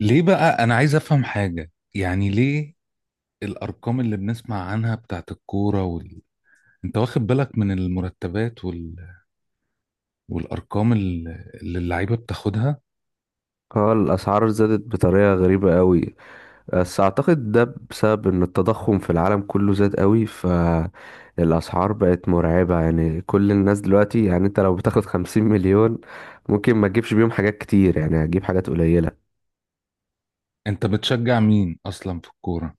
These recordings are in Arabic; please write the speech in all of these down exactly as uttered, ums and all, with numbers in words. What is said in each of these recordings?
ليه بقى انا عايز افهم حاجة، يعني ليه الارقام اللي بنسمع عنها بتاعت الكورة وال... انت واخد بالك من المرتبات وال... والارقام ال- اللي اللعيبة بتاخدها؟ اه، الأسعار زادت بطريقة غريبة قوي. بس أعتقد ده بسبب إن التضخم في العالم كله زاد قوي، فالأسعار بقت مرعبة. يعني كل الناس دلوقتي، يعني أنت لو بتاخد خمسين مليون ممكن ما تجيبش بيهم حاجات كتير، يعني هتجيب حاجات قليلة. انت بتشجع مين اصلا في الكورة؟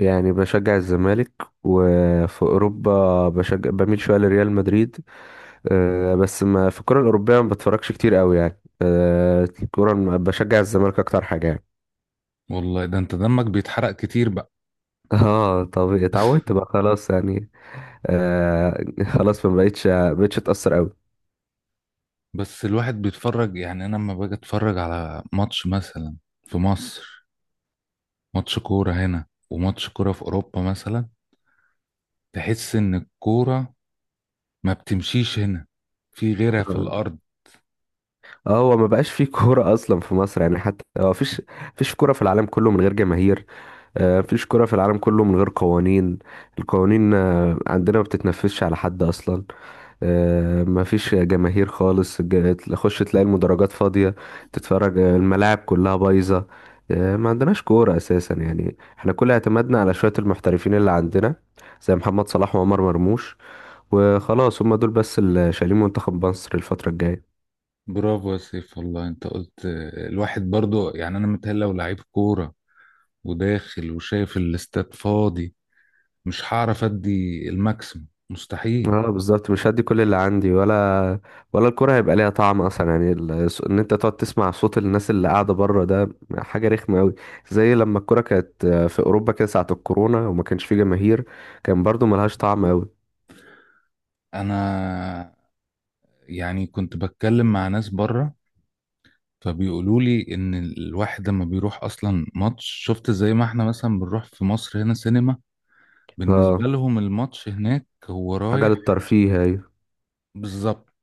يعني بشجع الزمالك، وفي أوروبا بشجع بميل شوية لريال مدريد. آه، بس ما في الكرة الأوروبية ما بتفرجش كتير قوي يعني. آه، الكرة بشجع الزمالك أكتر حاجة يعني. والله ده انت دمك بيتحرق كتير بقى. اه، طب اتعودت بقى خلاص يعني. آه خلاص، فما بقتش ما بقتش اتأثر قوي. بس الواحد بيتفرج، يعني انا لما باجي اتفرج على ماتش مثلا في مصر، ماتش كورة هنا وماتش كورة في اوروبا مثلا، تحس ان الكورة ما بتمشيش هنا في غيرها في الارض. اه، هو ما بقاش فيه كورة أصلا في مصر يعني. حتى هو فيش فيش كورة في العالم كله من غير جماهير. آه، مفيش كورة في العالم كله من غير قوانين. القوانين آه، عندنا ما بتتنفذش على حد أصلا. آه، مفيش جماهير خالص. الج- تخش تلاقي المدرجات فاضية، تتفرج. آه، الملاعب كلها بايظة. آه، ما عندناش كورة أساسا يعني. احنا كل اعتمادنا على شوية المحترفين اللي عندنا زي محمد صلاح وعمر مرموش، وخلاص هما دول بس اللي شايلين منتخب مصر الفترة الجاية. برافو يا سيف، والله انت قلت. الواحد برضو يعني انا متهيألي لو لعيب كورة وداخل وشايف الاستاد فاضي، مش هعرف ادي الماكسيموم، مستحيل. اه بالظبط، مش هدي كل اللي عندي، ولا ولا الكرة هيبقى ليها طعم اصلا يعني. ال- ان انت تقعد تسمع صوت الناس اللي قاعدة بره ده حاجة رخمة قوي. زي لما الكرة كانت في اوروبا كده ساعة الكورونا وما كانش في جماهير، كان برضو ملهاش طعم قوي. انا يعني كنت بتكلم مع ناس بره، فبيقولوا لي ان الواحد لما بيروح اصلا ماتش، شفت زي ما احنا مثلا بنروح في مصر هنا سينما، بالنسبة اه، لهم الماتش هناك هو حاجة رايح. للترفيه هي. بالظبط،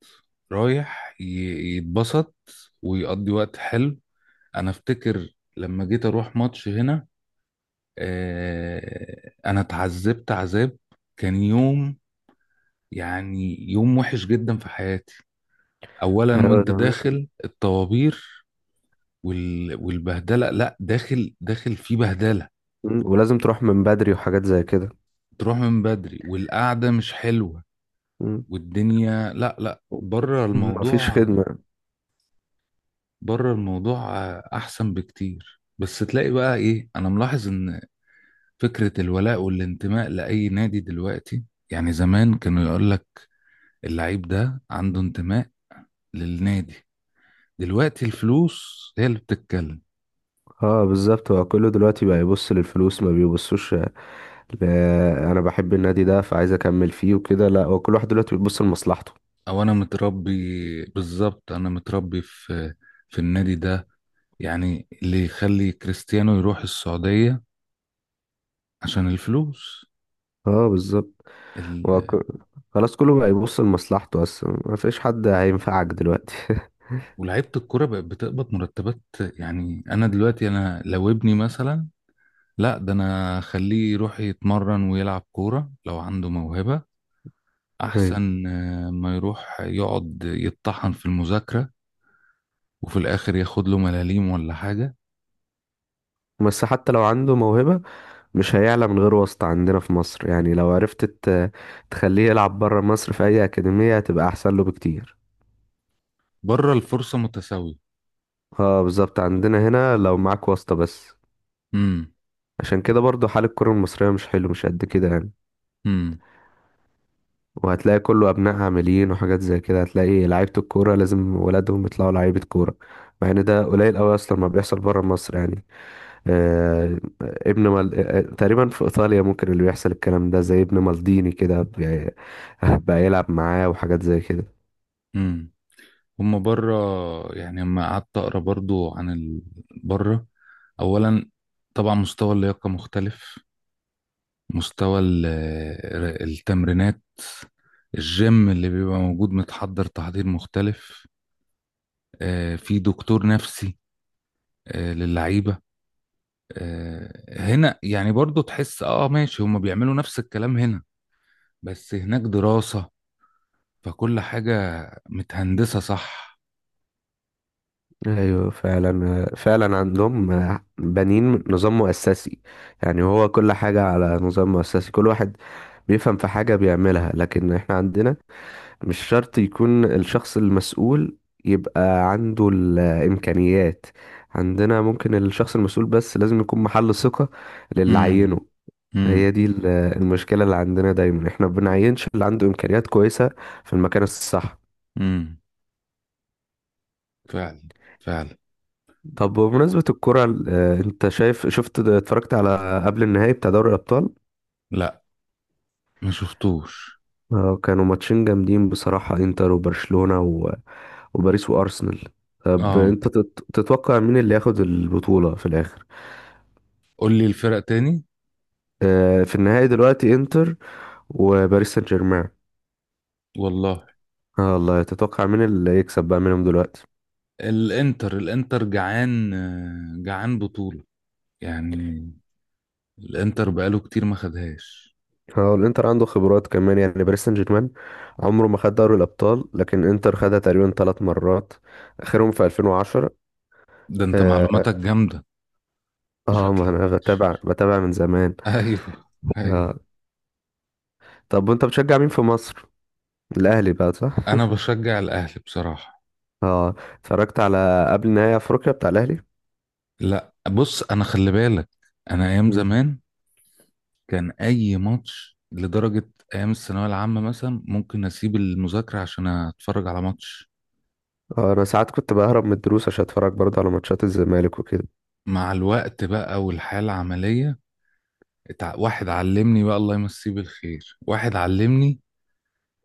رايح ي- يتبسط ويقضي وقت حلو. انا افتكر لما جيت اروح ماتش هنا، آه، انا اتعذبت عذاب، كان يوم، يعني يوم وحش جدا في حياتي. اولا، ايوه وانت تمام. داخل الطوابير وال- والبهدله، لا داخل داخل في بهدله. مم. ولازم تروح من بدري وحاجات زي كده. تروح من بدري، والقعده مش حلوه، مم. والدنيا لا لا بره مم. مفيش الموضوع، خدمة. بره الموضوع. احسن بكتير. بس تلاقي بقى ايه، انا ملاحظ ان فكرة الولاء والانتماء لأي نادي دلوقتي، يعني زمان كانوا يقول لك اللعيب ده عنده انتماء للنادي، دلوقتي الفلوس هي اللي بتتكلم. اه بالظبط، هو كله دلوقتي بقى يبص للفلوس، ما بيبصوش لا، انا بحب النادي ده فعايز اكمل فيه وكده. لا، هو كل واحد دلوقتي بيبص لمصلحته. أو أنا متربي، بالظبط أنا متربي في في النادي ده. يعني اللي يخلي كريستيانو يروح السعودية عشان الفلوس اه بالظبط. هو ال... ك- خلاص كله بقى يبص لمصلحته اصلا، ما فيش حد هينفعك دلوقتي. ولاعيبة الكرة بقت بتقبض مرتبات، يعني أنا دلوقتي أنا لو ابني مثلا، لا ده أنا أخليه يروح يتمرن ويلعب كورة لو عنده موهبة، ايوه. احسن آه، ما يروح يقعد يتطحن في المذاكرة وفي الاخر ياخد له ملاليم ولا حاجة. بس حتى لو عنده موهبة، مش هيعلى من غير واسطة عندنا في مصر يعني. لو عرفت ت- تخليه يلعب بره مصر في اي اكاديمية هتبقى احسن له بكتير. بره الفرصة متساوية. اه بالظبط، عندنا هنا لو معاك واسطة بس. امم، عشان كده برضو حال الكرة المصرية مش حلو، مش قد كده يعني. امم، وهتلاقي كله أبنائها عاملين وحاجات زي كده. هتلاقي لعيبة الكورة لازم ولادهم يطلعوا لعيبة كورة، مع إن ده قليل أوي أصلا ما بيحصل برا مصر يعني. آه ابن مال... آه، آه، تقريبا في إيطاليا ممكن اللي بيحصل الكلام ده زي ابن مالديني كده، بي- بقى يلعب معاه وحاجات زي كده. امم. هما بره، يعني لما قعدت اقرا برضو عن ال... بره اولا طبعا مستوى اللياقة مختلف، مستوى ال- آه، التمرينات، الجيم اللي بيبقى موجود متحضر تحضير مختلف، آه، في دكتور نفسي آه، للعيبة. آه، هنا يعني برضو تحس اه ماشي هما بيعملوا نفس الكلام هنا، بس هناك دراسة، فكل حاجة متهندسة، صح؟ ايوه فعلا فعلا، عندهم بنين نظام مؤسسي. يعني هو كل حاجة على نظام مؤسسي، كل واحد بيفهم في حاجة بيعملها. لكن احنا عندنا مش شرط يكون الشخص المسؤول يبقى عنده الإمكانيات. عندنا ممكن الشخص المسؤول بس لازم يكون محل ثقة للي امم، عينه. امم، هي دي ال- المشكلة اللي عندنا دايما، احنا بنعينش اللي عنده إمكانيات كويسة في المكان الصح. امم. فعلا، فعلا. طب بمناسبة الكرة ال- آه، انت شايف، شفت اتفرجت على قبل النهائي بتاع دوري الأبطال؟ لا، ما شفتوش. آه، كانوا ماتشين جامدين بصراحة، انتر وبرشلونة و- وباريس وأرسنال. طب اه، انت تت- تتوقع مين اللي ياخد البطولة في الآخر؟ قول لي الفرق تاني. آه، في النهائي دلوقتي انتر وباريس سان جيرمان. والله، اه والله، تتوقع مين اللي يكسب بقى منهم دلوقتي؟ الانتر، الانتر جعان، آه، جعان بطولة يعني، الانتر بقاله كتير ما خدهاش. اه، الانتر عنده خبرات كمان يعني. باريس سان جيرمان عمره ما خد دوري الابطال، لكن انتر خدها تقريبا ثلاث مرات، اخرهم في ألفين وعشرة. ده انت اه، معلوماتك جامدة. آه، ما شكلك انا بتابع بتابع من زمان. ايوه، ايوه. آه. طب وانت بتشجع مين في مصر؟ الاهلي بقى، صح؟ انا بشجع الاهلي بصراحة. اه، اتفرجت على قبل نهائي افريقيا بتاع الاهلي. لا بص، انا خلي بالك، انا ايام مم. زمان كان اي ماتش لدرجه ايام الثانويه العامه مثلا ممكن اسيب المذاكره عشان اتفرج على ماتش. اه، انا ساعات كنت بهرب من الدروس عشان اتفرج برضه على ماتشات الزمالك وكده. مع الوقت بقى والحياه العمليه، اتع... واحد علمني بقى الله يمسيه بالخير، واحد علمني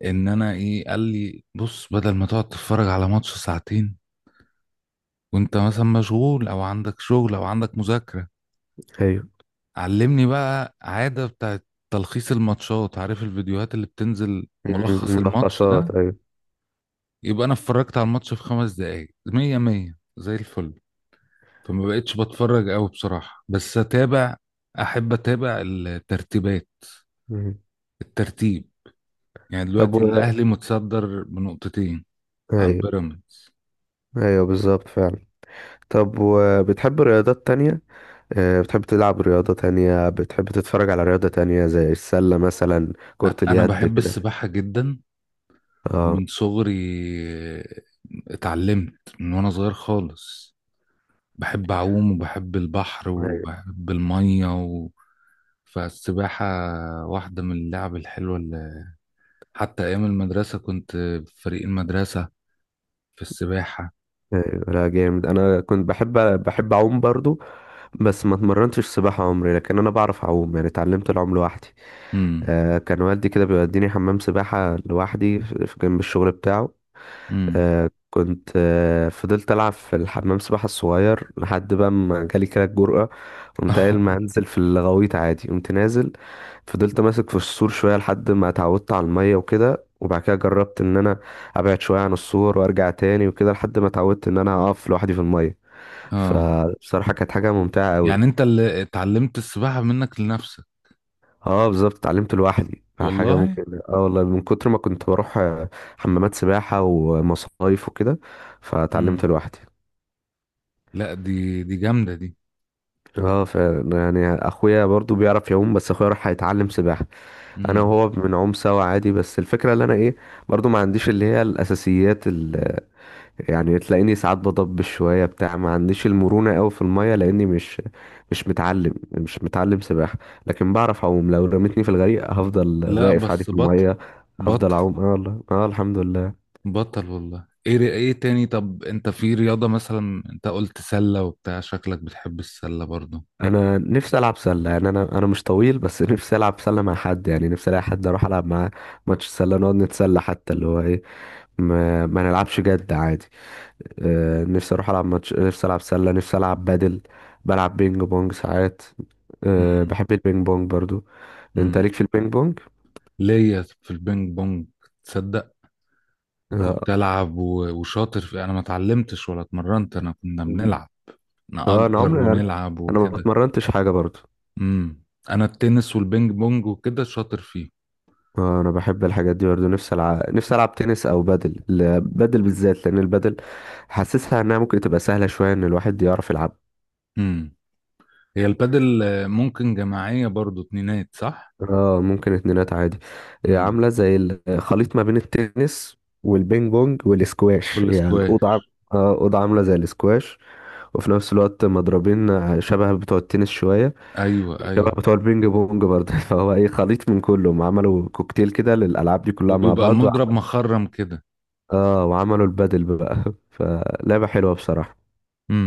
ان انا ايه، قال لي بص، بدل ما تقعد تتفرج على ماتش ساعتين وانت مثلا مشغول او عندك شغل او عندك مذاكره، ايوه. علمني بقى عاده بتاعت تلخيص الماتشات، عارف الفيديوهات اللي بتنزل مم. ملخص الماتش ملخصات، ده، ايوه. يبقى انا اتفرجت على الماتش في خمس دقايق مية مية زي الفل. فما بقتش بتفرج قوي بصراحة، بس اتابع، احب اتابع الترتيبات، مم. الترتيب، يعني طب دلوقتي و... الاهلي متصدر بنقطتين عن ايوه. بيراميدز. ايوه بالظبط فعلا. طب وبتحب رياضات تانية؟ آه، بتحب تلعب رياضة تانية، بتحب تتفرج على رياضة تانية زي السلة مثلا، أ- كرة انا اليد بحب كده؟ السباحة جدا، اه. ومن صغري اتعلمت من وانا صغير خالص، بحب اعوم وبحب البحر ايوه. وبحب المية و... فالسباحة واحدة من اللعب الحلوة، حتى أيام المدرسة كنت في فريق المدرسة في السباحة. ايوه لا جامد، انا كنت بحب، بحب اعوم برضو. بس ما اتمرنتش سباحة عمري، لكن انا بعرف اعوم يعني، اتعلمت العوم لوحدي. امم، آه، كان والدي كده بيوديني حمام سباحة لوحدي في في جنب الشغل بتاعه. امم. آه كنت آه، فضلت ألعب في الحمام سباحة الصغير لحد بقى ما جالي كده الجرأة. قمت قايل ما أنزل في الغويط عادي، قمت نازل. فضلت ماسك في السور شوية لحد ما اتعودت على المية وكده، وبعد كده جربت إن أنا أبعد شوية عن السور وأرجع تاني وكده لحد ما اتعودت إن أنا أقف لوحدي في المية. اه، فبصراحة كانت حاجة ممتعة أوي. يعني أنت اللي اتعلمت السباحة منك لنفسك. اه بالظبط، اتعلمت لوحدي يعني. حاجة والله. ممكن، اه والله، من كتر ما كنت بروح آه، حمامات سباحة ومصايف وكده، فاتعلمت امم. لوحدي. لا دي دي جامدة دي. اه فعلا يعني، اخويا برضو بيعرف يعوم بس اخويا راح هيتعلم سباحه. انا امم. وهو بنعوم سوا عادي، بس الفكره اللي انا ايه، برضو ما عنديش اللي هي الاساسيات اللي يعني تلاقيني ساعات بضبش شويه بتاع. ما عنديش المرونه قوي في الميه لاني مش مش متعلم مش متعلم سباحه. لكن بعرف اعوم، لو رميتني في الغريق هفضل لا واقف عادي بس في بطل، الميه، هفضل بطل. اعوم. اه والله، اه الحمد لله. بطل والله. ايه ايه تاني؟ طب انت في رياضة مثلا، انت قلت سلة وبتاع، شكلك بتحب السلة برضو. انا نفسي العب سله يعني. انا انا مش طويل بس نفسي العب سله مع حد يعني. نفسي الاقي حد اروح العب معاه ماتش سله نقعد نتسلى، حتى اللي هو ايه، ما, ما نلعبش جد عادي. آه، نفسي اروح العب ماتش، نفسي العب سله، نفسي العب بدل. بلعب بينج بونج ساعات. آه، امم، بحب البينج بونج برضو. انت امم. ليك في البينج بونج؟ ليا في البينج بونج، تصدق، وكنت اه. ألعب و- وشاطر في، أنا ما اتعلمتش ولا اتمرنت، أنا كنا مم. بنلعب آه، انا نأجر عمري، ونلعب انا ما وكده. اتمرنتش حاجه برضو. امم. أنا التنس والبينج بونج وكده شاطر فيه. آه، انا بحب الحاجات دي برضه. نفسي العب، نفسي العب تنس او بادل. ال- بادل بالذات لان البادل حاسسها انها ممكن تبقى سهله شويه ان الواحد يعرف يلعب. امم. هي البادل آه، ممكن جماعية برضو، اتنينات صح؟ اه ممكن اتنينات عادي. هي امم. عامله زي الخليط ما بين التنس والبينج بونج والاسكواش. كل هي الاوضه عام- سكواش. اه اوضه عامله زي الاسكواش، وفي نفس الوقت مضربين آه، شبه بتوع التنس شويه، أيوه وشبه أيوه. بتوع البينج بونج برضه فهو ايه، خليط من كلهم، عملوا كوكتيل كده للالعاب دي كلها مع وبيبقى بعض. المضرب مخرم كده. اه وعملوا البادل بقى فلعبة حلوة بصراحة. امم.